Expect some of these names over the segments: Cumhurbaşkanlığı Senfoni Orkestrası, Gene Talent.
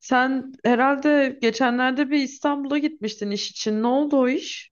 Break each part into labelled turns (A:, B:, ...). A: Sen herhalde geçenlerde bir İstanbul'a gitmiştin iş için. Ne oldu o iş?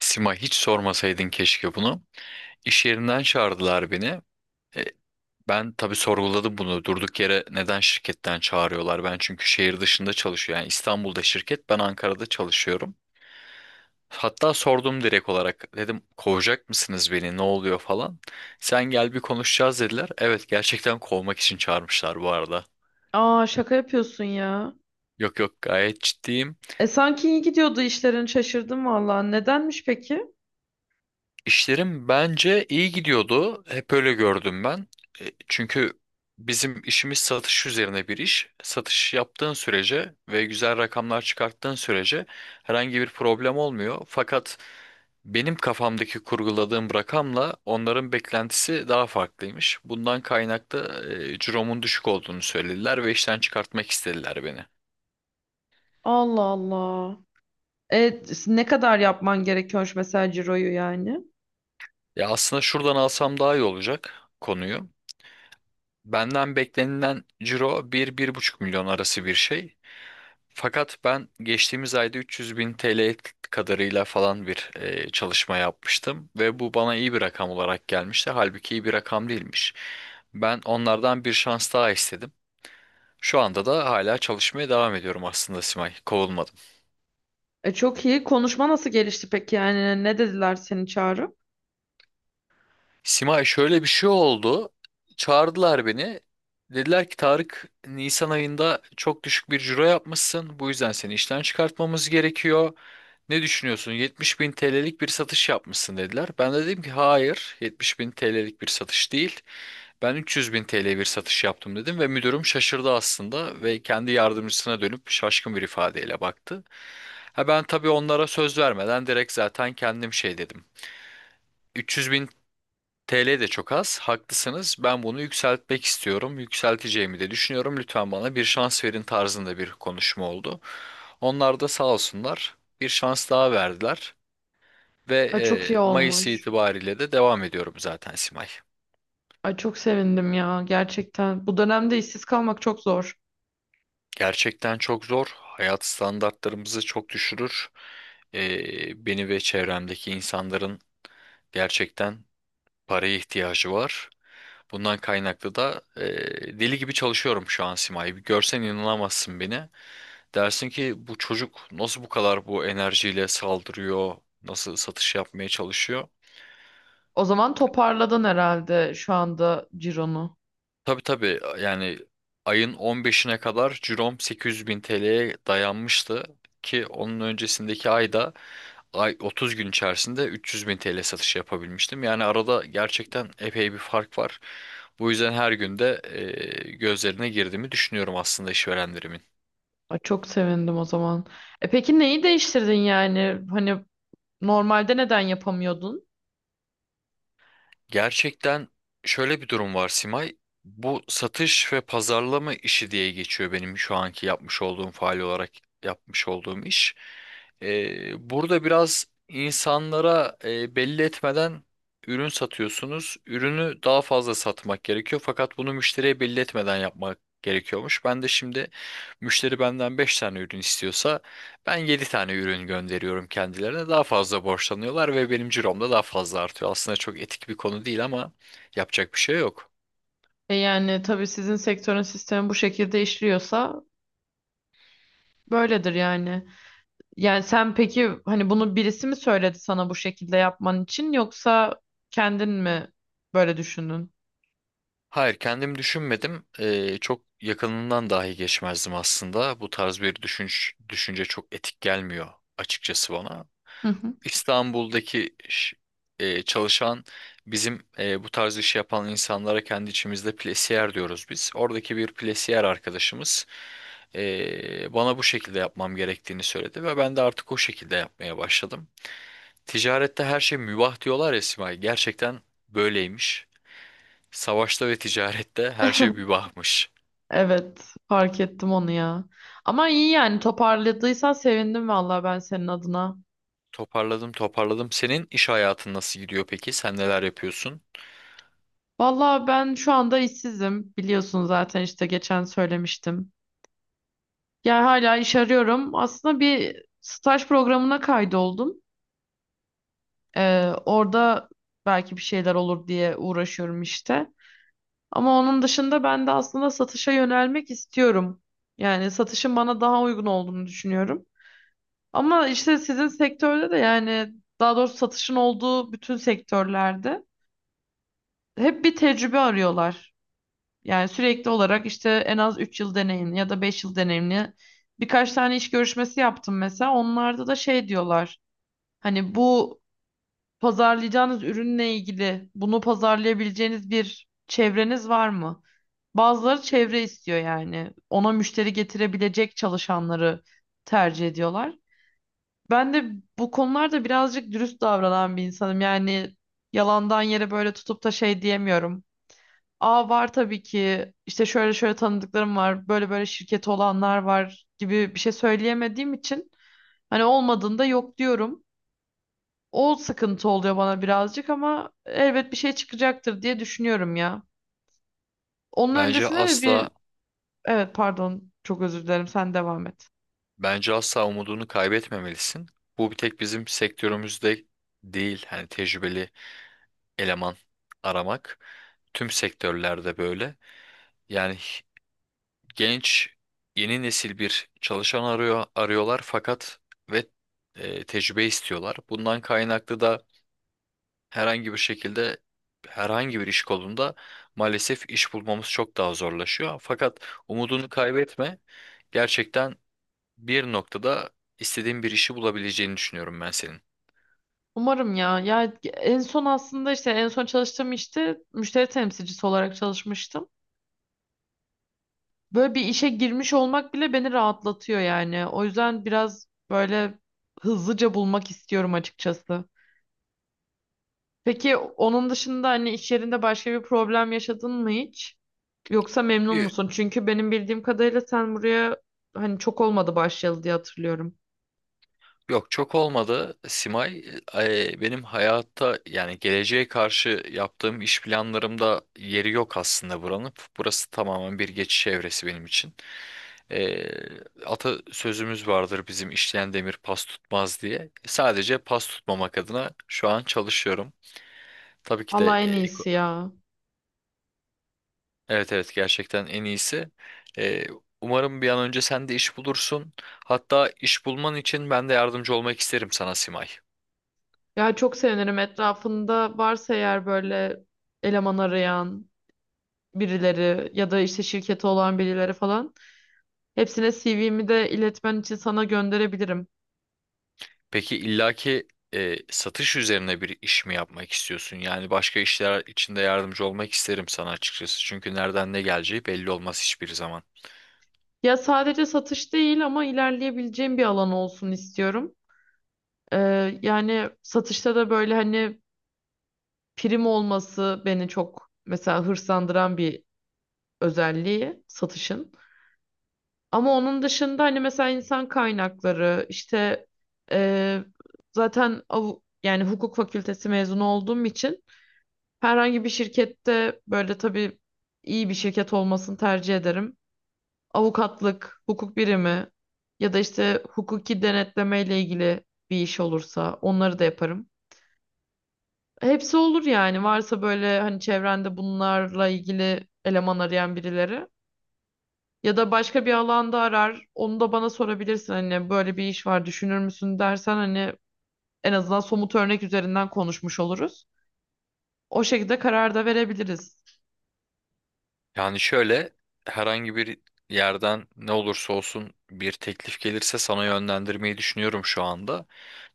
B: Sima hiç sormasaydın keşke bunu. İş yerinden çağırdılar beni. E, Ben tabii sorguladım bunu. Durduk yere neden şirketten çağırıyorlar? Ben çünkü şehir dışında çalışıyorum. Yani İstanbul'da şirket, ben Ankara'da çalışıyorum. Hatta sordum direkt olarak. Dedim kovacak mısınız beni? Ne oluyor falan. Sen gel bir konuşacağız dediler. Evet gerçekten kovmak için çağırmışlar bu arada.
A: Aa şaka yapıyorsun ya.
B: Yok yok gayet ciddiyim.
A: E sanki iyi gidiyordu işlerin, şaşırdım valla. Nedenmiş peki?
B: İşlerim bence iyi gidiyordu. Hep öyle gördüm ben. Çünkü bizim işimiz satış üzerine bir iş. Satış yaptığın sürece ve güzel rakamlar çıkarttığın sürece herhangi bir problem olmuyor. Fakat benim kafamdaki kurguladığım rakamla onların beklentisi daha farklıymış. Bundan kaynaklı ciromun düşük olduğunu söylediler ve işten çıkartmak istediler beni.
A: Allah Allah. E ne kadar yapman gerekiyormuş mesela ciroyu yani?
B: Ya aslında şuradan alsam daha iyi olacak konuyu. Benden beklenilen ciro bir bir buçuk milyon arası bir şey. Fakat ben geçtiğimiz ayda 300 bin TL kadarıyla falan bir çalışma yapmıştım. Ve bu bana iyi bir rakam olarak gelmişti. Halbuki iyi bir rakam değilmiş. Ben onlardan bir şans daha istedim. Şu anda da hala çalışmaya devam ediyorum aslında Simay. Kovulmadım.
A: E çok iyi. Konuşma nasıl gelişti peki? Yani ne dediler seni çağırıp?
B: Simay şöyle bir şey oldu. Çağırdılar beni. Dediler ki Tarık Nisan ayında çok düşük bir ciro yapmışsın. Bu yüzden seni işten çıkartmamız gerekiyor. Ne düşünüyorsun? 70 bin TL'lik bir satış yapmışsın dediler. Ben de dedim ki hayır 70 bin TL'lik bir satış değil. Ben 300 bin TL bir satış yaptım dedim ve müdürüm şaşırdı aslında ve kendi yardımcısına dönüp şaşkın bir ifadeyle baktı. Ha ben tabii onlara söz vermeden direkt zaten kendim şey dedim. 300 TL de çok az. Haklısınız. Ben bunu yükseltmek istiyorum. Yükselteceğimi de düşünüyorum. Lütfen bana bir şans verin tarzında bir konuşma oldu. Onlar da sağ olsunlar bir şans daha verdiler ve
A: Ay çok iyi
B: Mayıs
A: olmuş.
B: itibariyle de devam ediyorum zaten Simay.
A: Ay çok sevindim ya gerçekten. Bu dönemde işsiz kalmak çok zor.
B: Gerçekten çok zor. Hayat standartlarımızı çok düşürür. Beni ve çevremdeki insanların gerçekten paraya ihtiyacı var. Bundan kaynaklı da deli gibi çalışıyorum şu an Simay. Bir görsen inanamazsın beni. Dersin ki bu çocuk nasıl bu kadar bu enerjiyle saldırıyor, nasıl satış yapmaya çalışıyor.
A: O zaman toparladın herhalde şu anda cironu.
B: Tabii tabii yani ayın 15'ine kadar cirom 800 bin TL'ye dayanmıştı ki onun öncesindeki ayda ay 30 gün içerisinde 300 bin TL satışı yapabilmiştim. Yani arada gerçekten epey bir fark var. Bu yüzden her günde gözlerine girdiğimi düşünüyorum aslında işverenlerimin.
A: Ay çok sevindim o zaman. E peki neyi değiştirdin yani? Hani normalde neden yapamıyordun?
B: Gerçekten şöyle bir durum var Simay. Bu satış ve pazarlama işi diye geçiyor benim şu anki yapmış olduğum faal olarak yapmış olduğum iş. Burada biraz insanlara belli etmeden ürün satıyorsunuz. Ürünü daha fazla satmak gerekiyor fakat bunu müşteriye belli etmeden yapmak gerekiyormuş. Ben de şimdi müşteri benden 5 tane ürün istiyorsa ben 7 tane ürün gönderiyorum kendilerine. Daha fazla borçlanıyorlar ve benim cirom da daha fazla artıyor. Aslında çok etik bir konu değil ama yapacak bir şey yok.
A: E yani tabii sizin sektörün sistemi bu şekilde işliyorsa böyledir yani. Yani sen peki hani bunu birisi mi söyledi sana bu şekilde yapman için yoksa kendin mi böyle düşündün?
B: Hayır, kendim düşünmedim. Çok yakınından dahi geçmezdim aslında. Bu tarz bir düşünce çok etik gelmiyor açıkçası bana.
A: Hı hı.
B: İstanbul'daki ş- Çalışan bizim bu tarz işi yapan insanlara kendi içimizde plesiyer diyoruz biz. Oradaki bir plesiyer arkadaşımız. Bana bu şekilde yapmam gerektiğini söyledi ve ben de artık o şekilde yapmaya başladım. Ticarette her şey mübah diyorlar ya Simay. Gerçekten böyleymiş. Savaşta ve ticarette her şey mübahmış.
A: Evet, fark ettim onu ya. Ama iyi yani toparladıysan sevindim vallahi ben senin adına.
B: Toparladım, toparladım. Senin iş hayatın nasıl gidiyor peki? Sen neler yapıyorsun?
A: Vallahi ben şu anda işsizim. Biliyorsun zaten işte geçen söylemiştim. Yani hala iş arıyorum. Aslında bir staj programına kaydoldum. Orada belki bir şeyler olur diye uğraşıyorum işte. Ama onun dışında ben de aslında satışa yönelmek istiyorum. Yani satışın bana daha uygun olduğunu düşünüyorum. Ama işte sizin sektörde de yani daha doğrusu satışın olduğu bütün sektörlerde hep bir tecrübe arıyorlar. Yani sürekli olarak işte en az 3 yıl deneyimli ya da 5 yıl deneyimli birkaç tane iş görüşmesi yaptım mesela. Onlarda da şey diyorlar. Hani bu pazarlayacağınız ürünle ilgili bunu pazarlayabileceğiniz bir çevreniz var mı? Bazıları çevre istiyor yani. Ona müşteri getirebilecek çalışanları tercih ediyorlar. Ben de bu konularda birazcık dürüst davranan bir insanım. Yani yalandan yere böyle tutup da şey diyemiyorum. Aa var tabii ki işte şöyle şöyle tanıdıklarım var, böyle böyle şirketi olanlar var gibi bir şey söyleyemediğim için hani olmadığında yok diyorum. O sıkıntı oluyor bana birazcık ama elbet bir şey çıkacaktır diye düşünüyorum ya. Onun
B: Bence
A: öncesinde de bir
B: asla,
A: Evet, pardon, çok özür dilerim, sen devam et.
B: bence asla umudunu kaybetmemelisin. Bu bir tek bizim sektörümüzde değil. Hani tecrübeli eleman aramak tüm sektörlerde böyle. Yani genç yeni nesil bir çalışan arıyorlar fakat ve tecrübe istiyorlar. Bundan kaynaklı da herhangi bir şekilde herhangi bir iş kolunda maalesef iş bulmamız çok daha zorlaşıyor. Fakat umudunu kaybetme. Gerçekten bir noktada istediğin bir işi bulabileceğini düşünüyorum ben senin.
A: Umarım ya. Ya en son aslında işte en son çalıştığım işte müşteri temsilcisi olarak çalışmıştım. Böyle bir işe girmiş olmak bile beni rahatlatıyor yani. O yüzden biraz böyle hızlıca bulmak istiyorum açıkçası. Peki onun dışında hani iş yerinde başka bir problem yaşadın mı hiç? Yoksa memnun
B: Yo,
A: musun? Çünkü benim bildiğim kadarıyla sen buraya hani çok olmadı başlayalı diye hatırlıyorum.
B: Yok çok olmadı. Simay benim hayatta yani geleceğe karşı yaptığım iş planlarımda yeri yok aslında buranın. Burası tamamen bir geçiş evresi benim için. E, Ata sözümüz vardır bizim işleyen demir pas tutmaz diye. Sadece pas tutmamak adına şu an çalışıyorum. Tabii ki de
A: Allah en iyisi ya.
B: evet evet gerçekten en iyisi. E, Umarım bir an önce sen de iş bulursun. Hatta iş bulman için ben de yardımcı olmak isterim sana Simay.
A: Ya çok sevinirim etrafında varsa eğer böyle eleman arayan birileri ya da işte şirketi olan birileri falan. Hepsine CV'mi de iletmen için sana gönderebilirim.
B: Peki illaki satış üzerine bir iş mi yapmak istiyorsun? Yani başka işler içinde yardımcı olmak isterim sana açıkçası. Çünkü nereden ne geleceği belli olmaz hiçbir zaman.
A: Ya sadece satış değil ama ilerleyebileceğim bir alan olsun istiyorum. Yani satışta da böyle hani prim olması beni çok mesela hırslandıran bir özelliği satışın. Ama onun dışında hani mesela insan kaynakları işte eee, zaten yani hukuk fakültesi mezunu olduğum için herhangi bir şirkette böyle tabii iyi bir şirket olmasını tercih ederim. Avukatlık, hukuk birimi ya da işte hukuki denetleme ile ilgili bir iş olursa onları da yaparım. Hepsi olur yani varsa böyle hani çevrende bunlarla ilgili eleman arayan birileri. Ya da başka bir alanda arar, onu da bana sorabilirsin hani böyle bir iş var düşünür müsün dersen hani en azından somut örnek üzerinden konuşmuş oluruz. O şekilde karar da verebiliriz.
B: Yani şöyle herhangi bir yerden ne olursa olsun bir teklif gelirse sana yönlendirmeyi düşünüyorum şu anda.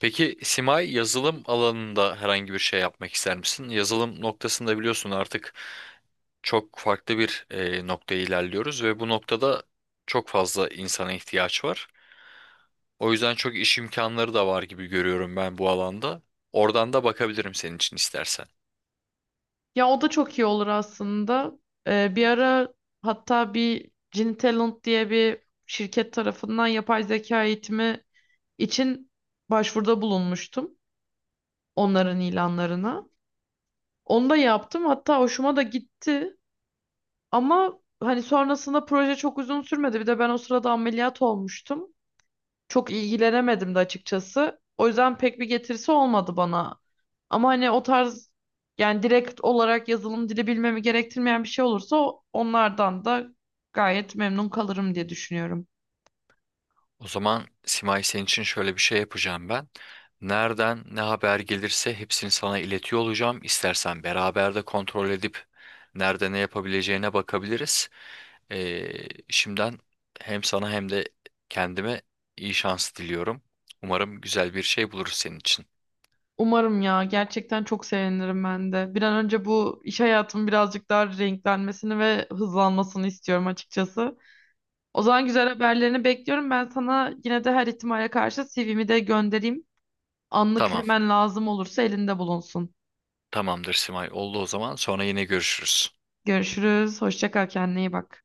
B: Peki Simay yazılım alanında herhangi bir şey yapmak ister misin? Yazılım noktasında biliyorsun artık çok farklı bir noktaya ilerliyoruz ve bu noktada çok fazla insana ihtiyaç var. O yüzden çok iş imkanları da var gibi görüyorum ben bu alanda. Oradan da bakabilirim senin için istersen.
A: Ya o da çok iyi olur aslında. Bir ara hatta bir Gene Talent diye bir şirket tarafından yapay zeka eğitimi için başvuruda bulunmuştum onların ilanlarına. Onu da yaptım hatta hoşuma da gitti. Ama hani sonrasında proje çok uzun sürmedi. Bir de ben o sırada ameliyat olmuştum. Çok ilgilenemedim de açıkçası. O yüzden pek bir getirisi olmadı bana. Ama hani o tarz yani direkt olarak yazılım dili bilmemi gerektirmeyen bir şey olursa onlardan da gayet memnun kalırım diye düşünüyorum.
B: O zaman Simay senin için şöyle bir şey yapacağım ben. Nereden ne haber gelirse hepsini sana iletiyor olacağım. İstersen beraber de kontrol edip nerede ne yapabileceğine bakabiliriz. Ee, Şimdiden hem sana hem de kendime iyi şans diliyorum. Umarım güzel bir şey buluruz senin için.
A: Umarım ya gerçekten çok sevinirim ben de. Bir an önce bu iş hayatımın birazcık daha renklenmesini ve hızlanmasını istiyorum açıkçası. O zaman güzel haberlerini bekliyorum. Ben sana yine de her ihtimale karşı CV'mi de göndereyim. Anlık
B: Tamam.
A: hemen lazım olursa elinde bulunsun.
B: Tamamdır Simay. Oldu o zaman. Sonra yine görüşürüz.
A: Görüşürüz. Hoşça kal. Kendine iyi bak.